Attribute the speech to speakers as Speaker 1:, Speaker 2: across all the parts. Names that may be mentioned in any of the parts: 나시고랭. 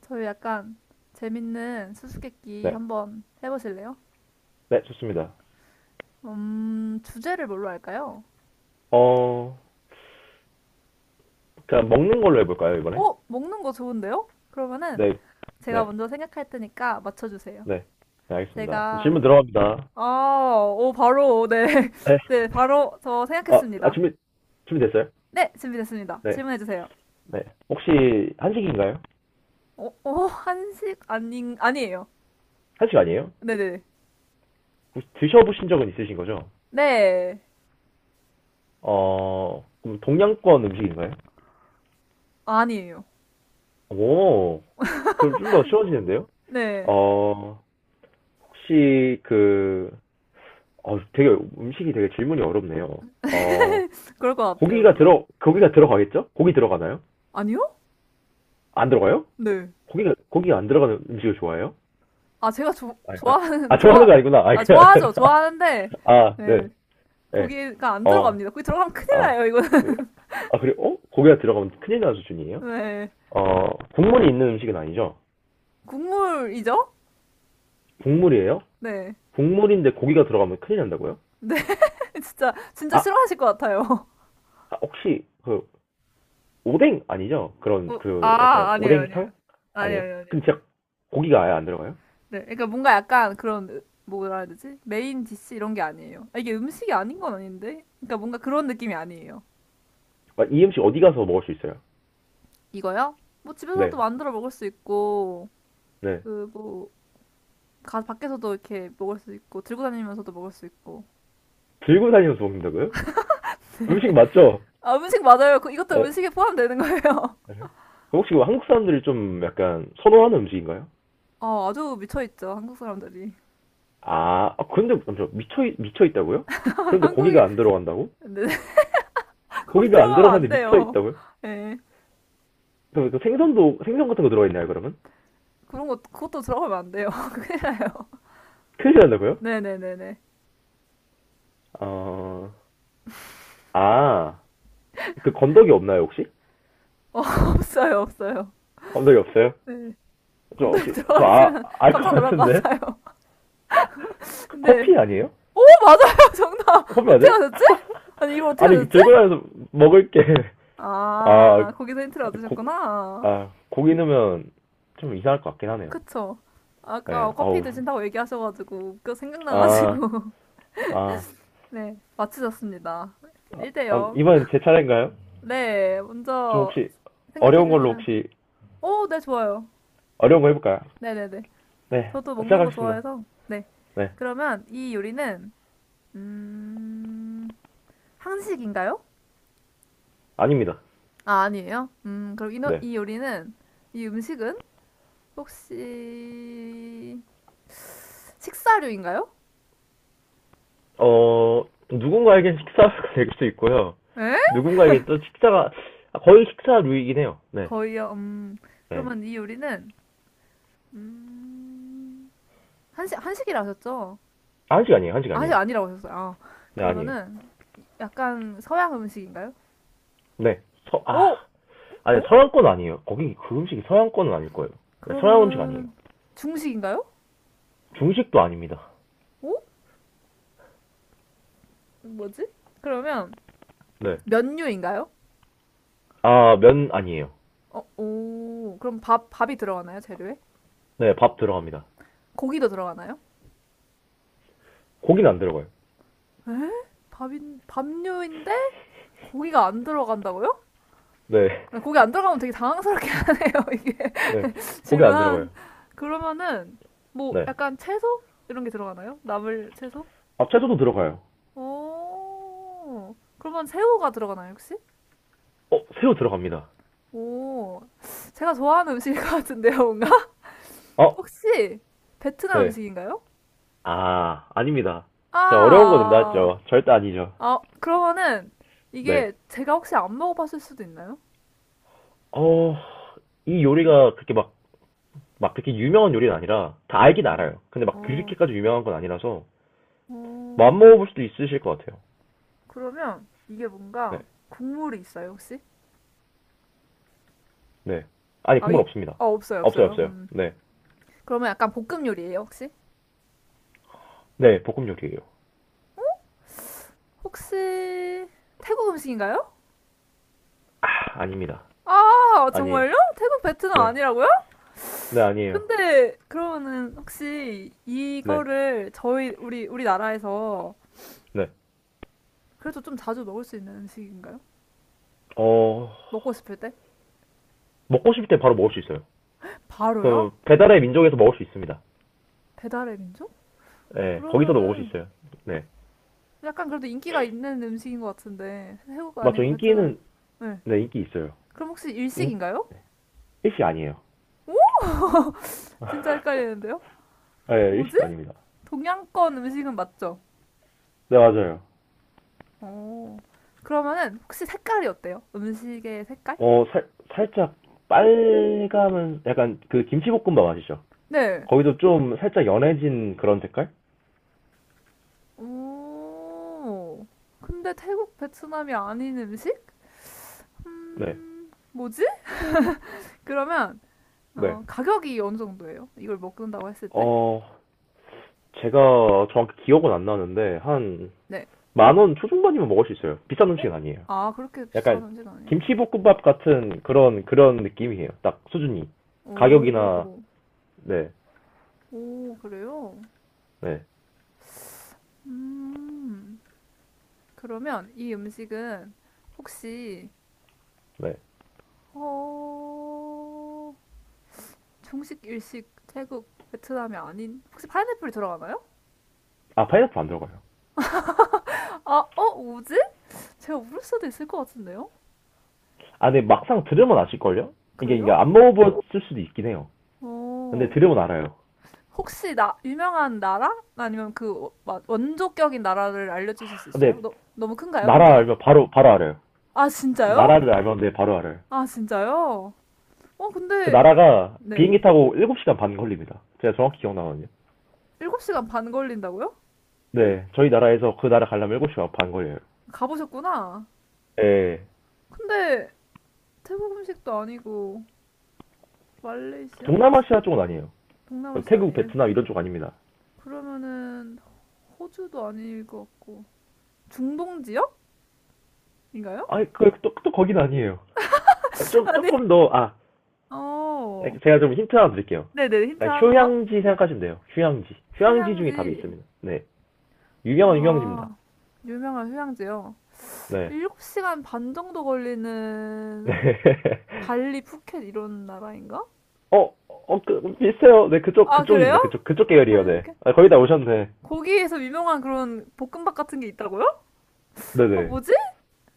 Speaker 1: 저희 약간 재밌는 수수께끼
Speaker 2: 네.
Speaker 1: 한번 해보실래요?
Speaker 2: 네, 좋습니다.
Speaker 1: 주제를 뭘로 할까요?
Speaker 2: 어, 그냥 먹는 걸로 해볼까요, 이번에?
Speaker 1: 먹는 거 좋은데요? 그러면은
Speaker 2: 네,
Speaker 1: 제가
Speaker 2: 네,
Speaker 1: 먼저 생각할 테니까 맞춰주세요.
Speaker 2: 네. 네, 알겠습니다. 그럼
Speaker 1: 제가,
Speaker 2: 질문 들어갑니다.
Speaker 1: 아, 오, 바로, 네.
Speaker 2: 네.
Speaker 1: 네, 바로 저
Speaker 2: 아, 아,
Speaker 1: 생각했습니다.
Speaker 2: 준비됐어요?
Speaker 1: 네, 준비됐습니다.
Speaker 2: 네,
Speaker 1: 질문해주세요.
Speaker 2: 네. 혹시 한식인가요?
Speaker 1: 한식? 아니에요.
Speaker 2: 한식 아니에요?
Speaker 1: 네네. 네,
Speaker 2: 혹시 드셔보신 적은 있으신 거죠?
Speaker 1: 네. 네,
Speaker 2: 그럼 동양권 음식인가요?
Speaker 1: 아니에요.
Speaker 2: 오, 그럼 좀 더 쉬워지는데요?
Speaker 1: 네,
Speaker 2: 어, 혹시 그, 되게 음식이 되게 질문이 어렵네요. 어,
Speaker 1: 그럴 것 같아요, 뭔가.
Speaker 2: 고기가 들어가겠죠? 고기 들어가나요?
Speaker 1: 아니요?
Speaker 2: 안 들어가요?
Speaker 1: 네.
Speaker 2: 고기 안 들어가는 음식을 좋아해요?
Speaker 1: 아, 제가
Speaker 2: 아, 아,
Speaker 1: 좋아하는,
Speaker 2: 아, 좋아하는
Speaker 1: 좋아,
Speaker 2: 거 아니구나. 아,
Speaker 1: 아,
Speaker 2: 그냥
Speaker 1: 좋아하죠. 좋아하는데,
Speaker 2: 아,
Speaker 1: 네.
Speaker 2: 네, 네,
Speaker 1: 고기가 안
Speaker 2: 어,
Speaker 1: 들어갑니다. 고기 들어가면 큰일
Speaker 2: 아,
Speaker 1: 나요, 이거는.
Speaker 2: 으, 아 그리고 어? 고기가 들어가면 큰일 나는 수준이에요?
Speaker 1: 네.
Speaker 2: 어, 국물이 있는 음식은 아니죠?
Speaker 1: 국물이죠?
Speaker 2: 국물이에요?
Speaker 1: 네.
Speaker 2: 국물인데 고기가 들어가면 큰일 난다고요?
Speaker 1: 네, 진짜
Speaker 2: 아, 아,
Speaker 1: 싫어하실 것 같아요.
Speaker 2: 혹시 그 오뎅 아니죠? 그런
Speaker 1: 어,
Speaker 2: 그 약간
Speaker 1: 아, 아니에요.
Speaker 2: 오뎅탕 아니에요?
Speaker 1: 아니에요.
Speaker 2: 근데
Speaker 1: 아니에요.
Speaker 2: 진짜 고기가 아예 안 들어가요?
Speaker 1: 네. 그러니까 뭔가 약간 그런, 뭐라 해야 되지? 메인 디시 이런 게 아니에요. 아, 이게 음식이 아닌 건 아닌데? 그러니까 뭔가 그런 느낌이 아니에요.
Speaker 2: 아, 이 음식 어디 가서 먹을 수 있어요?
Speaker 1: 이거요? 뭐 집에서도
Speaker 2: 네,
Speaker 1: 만들어 먹을 수 있고,
Speaker 2: 네,
Speaker 1: 그, 뭐, 밖에서도 이렇게 먹을 수 있고, 들고 다니면서도 먹을 수 있고.
Speaker 2: 들고
Speaker 1: 그럼.
Speaker 2: 다니면서 먹는다고요? 음식 맞죠?
Speaker 1: 아, 음식 맞아요. 이것도
Speaker 2: 아,
Speaker 1: 음식에 포함되는 거예요.
Speaker 2: 네. 그럼 혹시 그 한국 사람들이 좀 약간 선호하는 음식인가요?
Speaker 1: 아, 아주 미쳐있죠. 한국 사람들이.
Speaker 2: 아, 아, 근데 먼저 미쳐 있다고요? 그런데
Speaker 1: 한국이,
Speaker 2: 고기가 안 들어간다고?
Speaker 1: 근데 거기
Speaker 2: 고기가 안
Speaker 1: 들어가면 안
Speaker 2: 들어가는데 미쳐
Speaker 1: 돼요.
Speaker 2: 있다고요?
Speaker 1: 예.
Speaker 2: 그럼 생선 같은 거 들어가 있나요, 그러면?
Speaker 1: 그런 거 그것도 들어가면 안 돼요. 큰일 나요.
Speaker 2: 큰일 난다고요?
Speaker 1: 네네네네.
Speaker 2: 어, 아, 그 건더기 없나요, 혹시?
Speaker 1: 어, 없어요.
Speaker 2: 건더기 없어요?
Speaker 1: 네.
Speaker 2: 저
Speaker 1: 건더기
Speaker 2: 혹시
Speaker 1: 들어가
Speaker 2: 저 아,
Speaker 1: 있으면
Speaker 2: 알 것
Speaker 1: 깜짝 놀랄 것
Speaker 2: 같은데?
Speaker 1: 같아요.
Speaker 2: 그
Speaker 1: 근데,
Speaker 2: 커피 아니에요?
Speaker 1: 오, 맞아요! 정답!
Speaker 2: 커피 아니
Speaker 1: 어떻게
Speaker 2: 요
Speaker 1: 하셨지? 아니, 이걸 어떻게
Speaker 2: 아니
Speaker 1: 하셨지?
Speaker 2: 들고 다녀서 먹을 게 아,
Speaker 1: 아, 거기서 힌트를
Speaker 2: 고,
Speaker 1: 얻으셨구나.
Speaker 2: 아 고기 넣으면 좀 이상할 것 같긴 하네요.
Speaker 1: 그쵸.
Speaker 2: 네,
Speaker 1: 아까 커피
Speaker 2: 어우.
Speaker 1: 드신다고 얘기하셔가지고, 그
Speaker 2: 아,
Speaker 1: 생각나가지고.
Speaker 2: 아,
Speaker 1: 네, 맞추셨습니다.
Speaker 2: 아,
Speaker 1: 1대
Speaker 2: 아,
Speaker 1: 0.
Speaker 2: 이번엔 제 차례인가요?
Speaker 1: 네,
Speaker 2: 좀
Speaker 1: 먼저
Speaker 2: 혹시
Speaker 1: 생각해
Speaker 2: 어려운 걸로
Speaker 1: 주시면.
Speaker 2: 혹시
Speaker 1: 오, 네, 좋아요.
Speaker 2: 어려운 거 해볼까요?
Speaker 1: 네네네.
Speaker 2: 네,
Speaker 1: 저도 먹는 거
Speaker 2: 시작하겠습니다.
Speaker 1: 좋아해서. 네.
Speaker 2: 네,
Speaker 1: 그러면 이 요리는, 음, 한식인가요?
Speaker 2: 아닙니다.
Speaker 1: 아, 아니에요. 그럼 이,
Speaker 2: 네.
Speaker 1: 이 요리는, 이 음식은 혹시 식사류인가요?
Speaker 2: 어, 누군가에겐 식사가 될 수도 있고요.
Speaker 1: 에?
Speaker 2: 누군가에겐 또 식사가, 아, 거의 식사 류이긴 해요. 네.
Speaker 1: 거의요.
Speaker 2: 네.
Speaker 1: 그러면 이 요리는, 음, 한식이라 하셨죠?
Speaker 2: 한식 아니에요. 한식
Speaker 1: 아,
Speaker 2: 아니에요.
Speaker 1: 한식 아니라고 하셨어요. 아,
Speaker 2: 네, 아니에요.
Speaker 1: 그러면은, 약간 서양 음식인가요?
Speaker 2: 네. 아,
Speaker 1: 오!
Speaker 2: 아니,
Speaker 1: 어?
Speaker 2: 서양권 아니에요. 거기 그 음식이 서양권은 아닐 거예요. 네, 서양 음식 아니에요.
Speaker 1: 그러면 중식인가요?
Speaker 2: 중식도 아닙니다.
Speaker 1: 오? 뭐지? 그러면
Speaker 2: 네.
Speaker 1: 면류인가요?
Speaker 2: 아, 면 아니에요.
Speaker 1: 오. 그럼 밥이 들어가나요? 재료에?
Speaker 2: 네, 밥 들어갑니다.
Speaker 1: 고기도 들어가나요?
Speaker 2: 고기는 안 들어가요.
Speaker 1: 에? 밥류인데 고기가 안 들어간다고요?
Speaker 2: 네,
Speaker 1: 아, 고기 안 들어가면 되게 당황스럽게 하네요, 이게.
Speaker 2: 네, 고기 안
Speaker 1: 질문한.
Speaker 2: 들어가요.
Speaker 1: 그러면은 뭐
Speaker 2: 네,
Speaker 1: 약간 채소? 이런 게 들어가나요? 나물 채소?
Speaker 2: 아, 채소도 들어가요.
Speaker 1: 오. 그러면 새우가 들어가나요, 혹시?
Speaker 2: 어, 새우 들어갑니다.
Speaker 1: 오, 제가 좋아하는 음식일 것 같은데요, 뭔가?
Speaker 2: 어,
Speaker 1: 혹시 베트남
Speaker 2: 네,
Speaker 1: 음식인가요?
Speaker 2: 아, 아닙니다. 제가 어려운 거는
Speaker 1: 아,
Speaker 2: 나왔죠. 절대 아니죠.
Speaker 1: 아, 그러면은
Speaker 2: 네,
Speaker 1: 이게 제가 혹시 안 먹어봤을 수도 있나요?
Speaker 2: 어, 이 요리가 그렇게 막, 막 그렇게 유명한 요리는 아니라 다 알긴
Speaker 1: 어,
Speaker 2: 알아요. 근데 막
Speaker 1: 어,
Speaker 2: 그렇게까지 유명한 건 아니라서 맘
Speaker 1: 어,
Speaker 2: 안 먹어볼 수도 있으실 것 같아요.
Speaker 1: 그러면 이게
Speaker 2: 네,
Speaker 1: 뭔가 국물이 있어요, 혹시?
Speaker 2: 네, 아니
Speaker 1: 아,
Speaker 2: 국물
Speaker 1: 이,
Speaker 2: 없습니다.
Speaker 1: 아,
Speaker 2: 없어요,
Speaker 1: 없어요.
Speaker 2: 없어요. 네,
Speaker 1: 그러면 약간 볶음 요리예요, 혹시?
Speaker 2: 네, 볶음 요리예요.
Speaker 1: 혹시 태국 음식인가요?
Speaker 2: 아, 아닙니다.
Speaker 1: 아,
Speaker 2: 아니에요.
Speaker 1: 정말요? 태국 베트남
Speaker 2: 네,
Speaker 1: 아니라고요?
Speaker 2: 네, 아니에요.
Speaker 1: 근데 그러면은 혹시
Speaker 2: 네,
Speaker 1: 이거를 저희 우리 우리나라에서
Speaker 2: 네,
Speaker 1: 그래도 좀 자주 먹을 수 있는 음식인가요?
Speaker 2: 어.
Speaker 1: 먹고 싶을 때?
Speaker 2: 먹고 싶을 때 바로 먹을 수 있어요.
Speaker 1: 바로요?
Speaker 2: 그 배달의 민족에서 먹을 수 있습니다.
Speaker 1: 배달의 민족?
Speaker 2: 네, 거기서도 먹을 수
Speaker 1: 그러면은
Speaker 2: 있어요. 네.
Speaker 1: 약간 그래도 인기가 있는 음식인 것 같은데 태국
Speaker 2: 맞죠?
Speaker 1: 아니고 베트남.
Speaker 2: 인기는
Speaker 1: 네.
Speaker 2: 네 인기 있어요.
Speaker 1: 그럼 혹시
Speaker 2: 인
Speaker 1: 일식인가요?
Speaker 2: 일시 아니에요.
Speaker 1: 진짜 헷갈리는데요?
Speaker 2: 네,
Speaker 1: 뭐지?
Speaker 2: 일시도 아닙니다.
Speaker 1: 동양권 음식은 맞죠?
Speaker 2: 네 맞아요.
Speaker 1: 어. 그러면은 혹시 색깔이 어때요? 음식의 색깔?
Speaker 2: 어 살짝 빨감은 약간 그 김치볶음밥 아시죠?
Speaker 1: 네.
Speaker 2: 거기도 좀 살짝 연해진 그런 색깔?
Speaker 1: 오, 근데 태국, 베트남이 아닌 음식?
Speaker 2: 네,
Speaker 1: 뭐지? 그러면
Speaker 2: 네.
Speaker 1: 가격이 어느 정도예요? 이걸 먹는다고 했을 때?
Speaker 2: 어 제가 정확히 기억은 안 나는데 한
Speaker 1: 네.
Speaker 2: 만 원 초중반이면 먹을 수 있어요. 비싼
Speaker 1: 어?
Speaker 2: 음식은 아니에요.
Speaker 1: 아, 그렇게 비싼
Speaker 2: 약간
Speaker 1: 음식 아니고.
Speaker 2: 김치볶음밥 같은 그런 느낌이에요. 딱 수준이. 가격이나
Speaker 1: 오,
Speaker 2: 네,
Speaker 1: 오, 그래요?
Speaker 2: 네,
Speaker 1: 음, 그러면 이 음식은 혹시
Speaker 2: 네.
Speaker 1: 어, 중식, 일식, 태국, 베트남이 아닌 혹시 파인애플이 들어가나요?
Speaker 2: 아 파인애플 안 들어가요.
Speaker 1: 아, 뭐지? 제가 모를 수도 있을 것 같은데요?
Speaker 2: 아, 근데 막상 들으면 아실걸요? 이게
Speaker 1: 그래요?
Speaker 2: 안 먹어봤을 수도 있긴 해요. 근데
Speaker 1: 오.
Speaker 2: 들으면 알아요.
Speaker 1: 혹시 나 유명한 나라? 아니면 그 막 원조격인 나라를 알려주실 수 있어요?
Speaker 2: 근데
Speaker 1: 너무 큰가요,
Speaker 2: 나라
Speaker 1: 힌트가?
Speaker 2: 알면 바로 알아요.
Speaker 1: 아, 진짜요?
Speaker 2: 나라를 알면 네 바로 알아요.
Speaker 1: 아, 진짜요? 어,
Speaker 2: 그
Speaker 1: 근데
Speaker 2: 나라가
Speaker 1: 네.
Speaker 2: 비행기 타고 7시간 반 걸립니다. 제가 정확히 기억나거든요.
Speaker 1: 7시간 반 걸린다고요?
Speaker 2: 네, 저희 나라에서 그 나라 가려면 7시간 반 걸려요.
Speaker 1: 가보셨구나.
Speaker 2: 예,
Speaker 1: 근데 태국 음식도 아니고 말레이시아?
Speaker 2: 동남아시아 쪽은 아니에요. 그
Speaker 1: 동남아시아
Speaker 2: 태국,
Speaker 1: 아니에요?
Speaker 2: 베트남 이런 쪽 아닙니다.
Speaker 1: 그러면은 호주도 아닐 것 같고 중동 지역인가요?
Speaker 2: 아니, 그, 또 거긴 아니에요. 아, 좀,
Speaker 1: 아니.
Speaker 2: 조금 더, 아,
Speaker 1: 어.
Speaker 2: 제가 좀 힌트 하나 드릴게요.
Speaker 1: 네네, 힌트
Speaker 2: 약간
Speaker 1: 한번.
Speaker 2: 휴양지 생각하시면 돼요. 휴양지. 휴양지 중에 답이
Speaker 1: 휴양지.
Speaker 2: 있습니다. 네. 유명한
Speaker 1: 아,
Speaker 2: 휴양지입니다.
Speaker 1: 유명한 휴양지요.
Speaker 2: 네.
Speaker 1: 7시간 반 정도
Speaker 2: 네.
Speaker 1: 걸리는 발리, 푸켓 이런 나라인가?
Speaker 2: 어, 어, 그, 비슷해요. 네,
Speaker 1: 아, 그래요?
Speaker 2: 그쪽입니다. 그쪽 계열이에요.
Speaker 1: 발리,
Speaker 2: 네.
Speaker 1: 푸켓?
Speaker 2: 아, 거의 다 오셨네.
Speaker 1: 거기에서 유명한 그런 볶음밥 같은 게 있다고요? 아,
Speaker 2: 네네.
Speaker 1: 뭐지?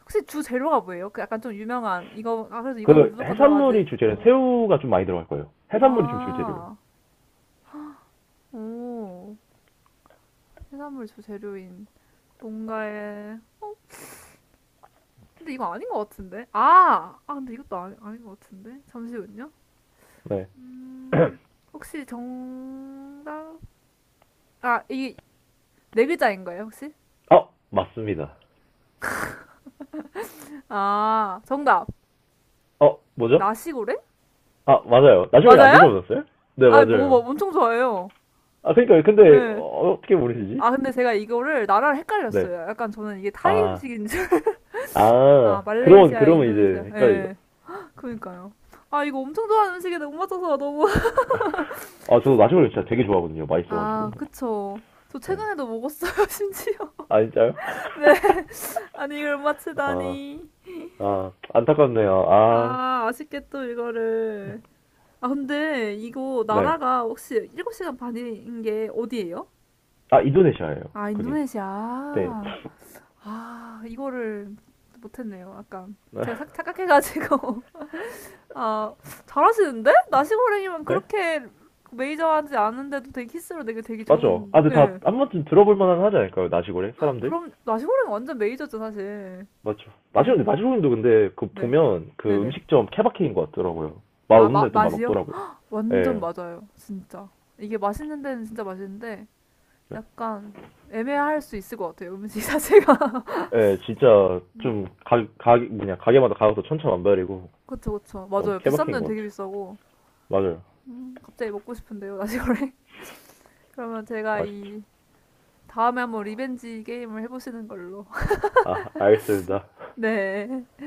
Speaker 1: 혹시 주 재료가 뭐예요? 그 약간 좀 유명한 이거 아 그래서 이건
Speaker 2: 그,
Speaker 1: 무조건
Speaker 2: 해산물이
Speaker 1: 들어가지.
Speaker 2: 주재료는 새우가 좀 많이 들어갈 거예요. 해산물이 좀 주재료예요.
Speaker 1: 아, 오, 해산물 주 재료인 뭔가에 근데 이거 아닌 것 같은데? 아, 아 근데 이것도 아니, 아닌 것 같은데? 잠시만요.
Speaker 2: 네.
Speaker 1: 음, 혹시 정답? 아, 이게 네 글자인 거예요, 혹시?
Speaker 2: 어, 맞습니다.
Speaker 1: 아, 정답.
Speaker 2: 어, 뭐죠?
Speaker 1: 나시고래?
Speaker 2: 아, 맞아요. 나중에 안
Speaker 1: 맞아요?
Speaker 2: 드셔보셨어요? 네,
Speaker 1: 아, 뭐,
Speaker 2: 맞아요.
Speaker 1: 엄청 좋아해요.
Speaker 2: 아, 그러니까 근데
Speaker 1: 예.
Speaker 2: 어, 어떻게 모르시지?
Speaker 1: 아, 근데 제가 이거를 나라를
Speaker 2: 네.
Speaker 1: 헷갈렸어요. 약간 저는 이게 타이
Speaker 2: 아,
Speaker 1: 음식인 줄. 아,
Speaker 2: 아,
Speaker 1: 말레이시아,
Speaker 2: 그러면 이제
Speaker 1: 인도네시아.
Speaker 2: 헷갈리죠.
Speaker 1: 예. 그니까요. 아, 이거 엄청 좋아하는 음식인데 못 맞춰서 너무.
Speaker 2: 아, 저도 나시고를 진짜 되게 좋아하거든요.
Speaker 1: 아,
Speaker 2: 맛있어가지고.
Speaker 1: 그쵸. 저
Speaker 2: 네.
Speaker 1: 최근에도 먹었어요, 심지어.
Speaker 2: 아, 진짜요?
Speaker 1: 네. 아니, 이걸 못
Speaker 2: 아,
Speaker 1: 맞히다니.
Speaker 2: 아, 안타깝네요. 아,
Speaker 1: 아, 아쉽겠죠, 이거를. 아, 근데 이거
Speaker 2: 네.
Speaker 1: 나라가 혹시 7시간 반인 게 어디예요?
Speaker 2: 아, 인도네시아예요.
Speaker 1: 아,
Speaker 2: 그게.
Speaker 1: 인도네시아.
Speaker 2: 네.
Speaker 1: 아, 이거를 못했네요. 아까 제가 착각해가지고. 아, 잘하시는데? 나시고랭이면
Speaker 2: 네?
Speaker 1: 그렇게 메이저하지 않은데도 되게 키스로 되게
Speaker 2: 맞죠? 아,
Speaker 1: 좋은.
Speaker 2: 근데 다
Speaker 1: 네.
Speaker 2: 한 번쯤 들어볼 만한 하지 않을까요? 나시고래? 사람들?
Speaker 1: 그럼 나시고랭 완전 메이저죠, 사실.
Speaker 2: 맞죠.
Speaker 1: 네.
Speaker 2: 나시고래도 근데 그
Speaker 1: 네.
Speaker 2: 보면 그
Speaker 1: 네네.
Speaker 2: 음식점 케바케인 것 같더라고요.
Speaker 1: 아,
Speaker 2: 맛없는데 또
Speaker 1: 맛이요?
Speaker 2: 맛없더라고요.
Speaker 1: 완전
Speaker 2: 예.
Speaker 1: 맞아요. 진짜. 이게 맛있는 데는 진짜 맛있는데
Speaker 2: 네.
Speaker 1: 약간 애매할 수 있을 것 같아요. 음식 자체가.
Speaker 2: 예, 진짜
Speaker 1: 음,
Speaker 2: 좀 그냥 가게마다 가격도 천차만별이고
Speaker 1: 그쵸, 그쵸.
Speaker 2: 너무
Speaker 1: 맞아요. 비싼
Speaker 2: 케바케인
Speaker 1: 데는
Speaker 2: 것
Speaker 1: 되게
Speaker 2: 같아요.
Speaker 1: 비싸고.
Speaker 2: 맞아요.
Speaker 1: 갑자기 먹고 싶은데요, 나시고랭. 그러면 제가
Speaker 2: 맛있죠.
Speaker 1: 이 다음에 한번 리벤지 게임을 해보시는 걸로.
Speaker 2: 아, 알겠습니다.
Speaker 1: 네.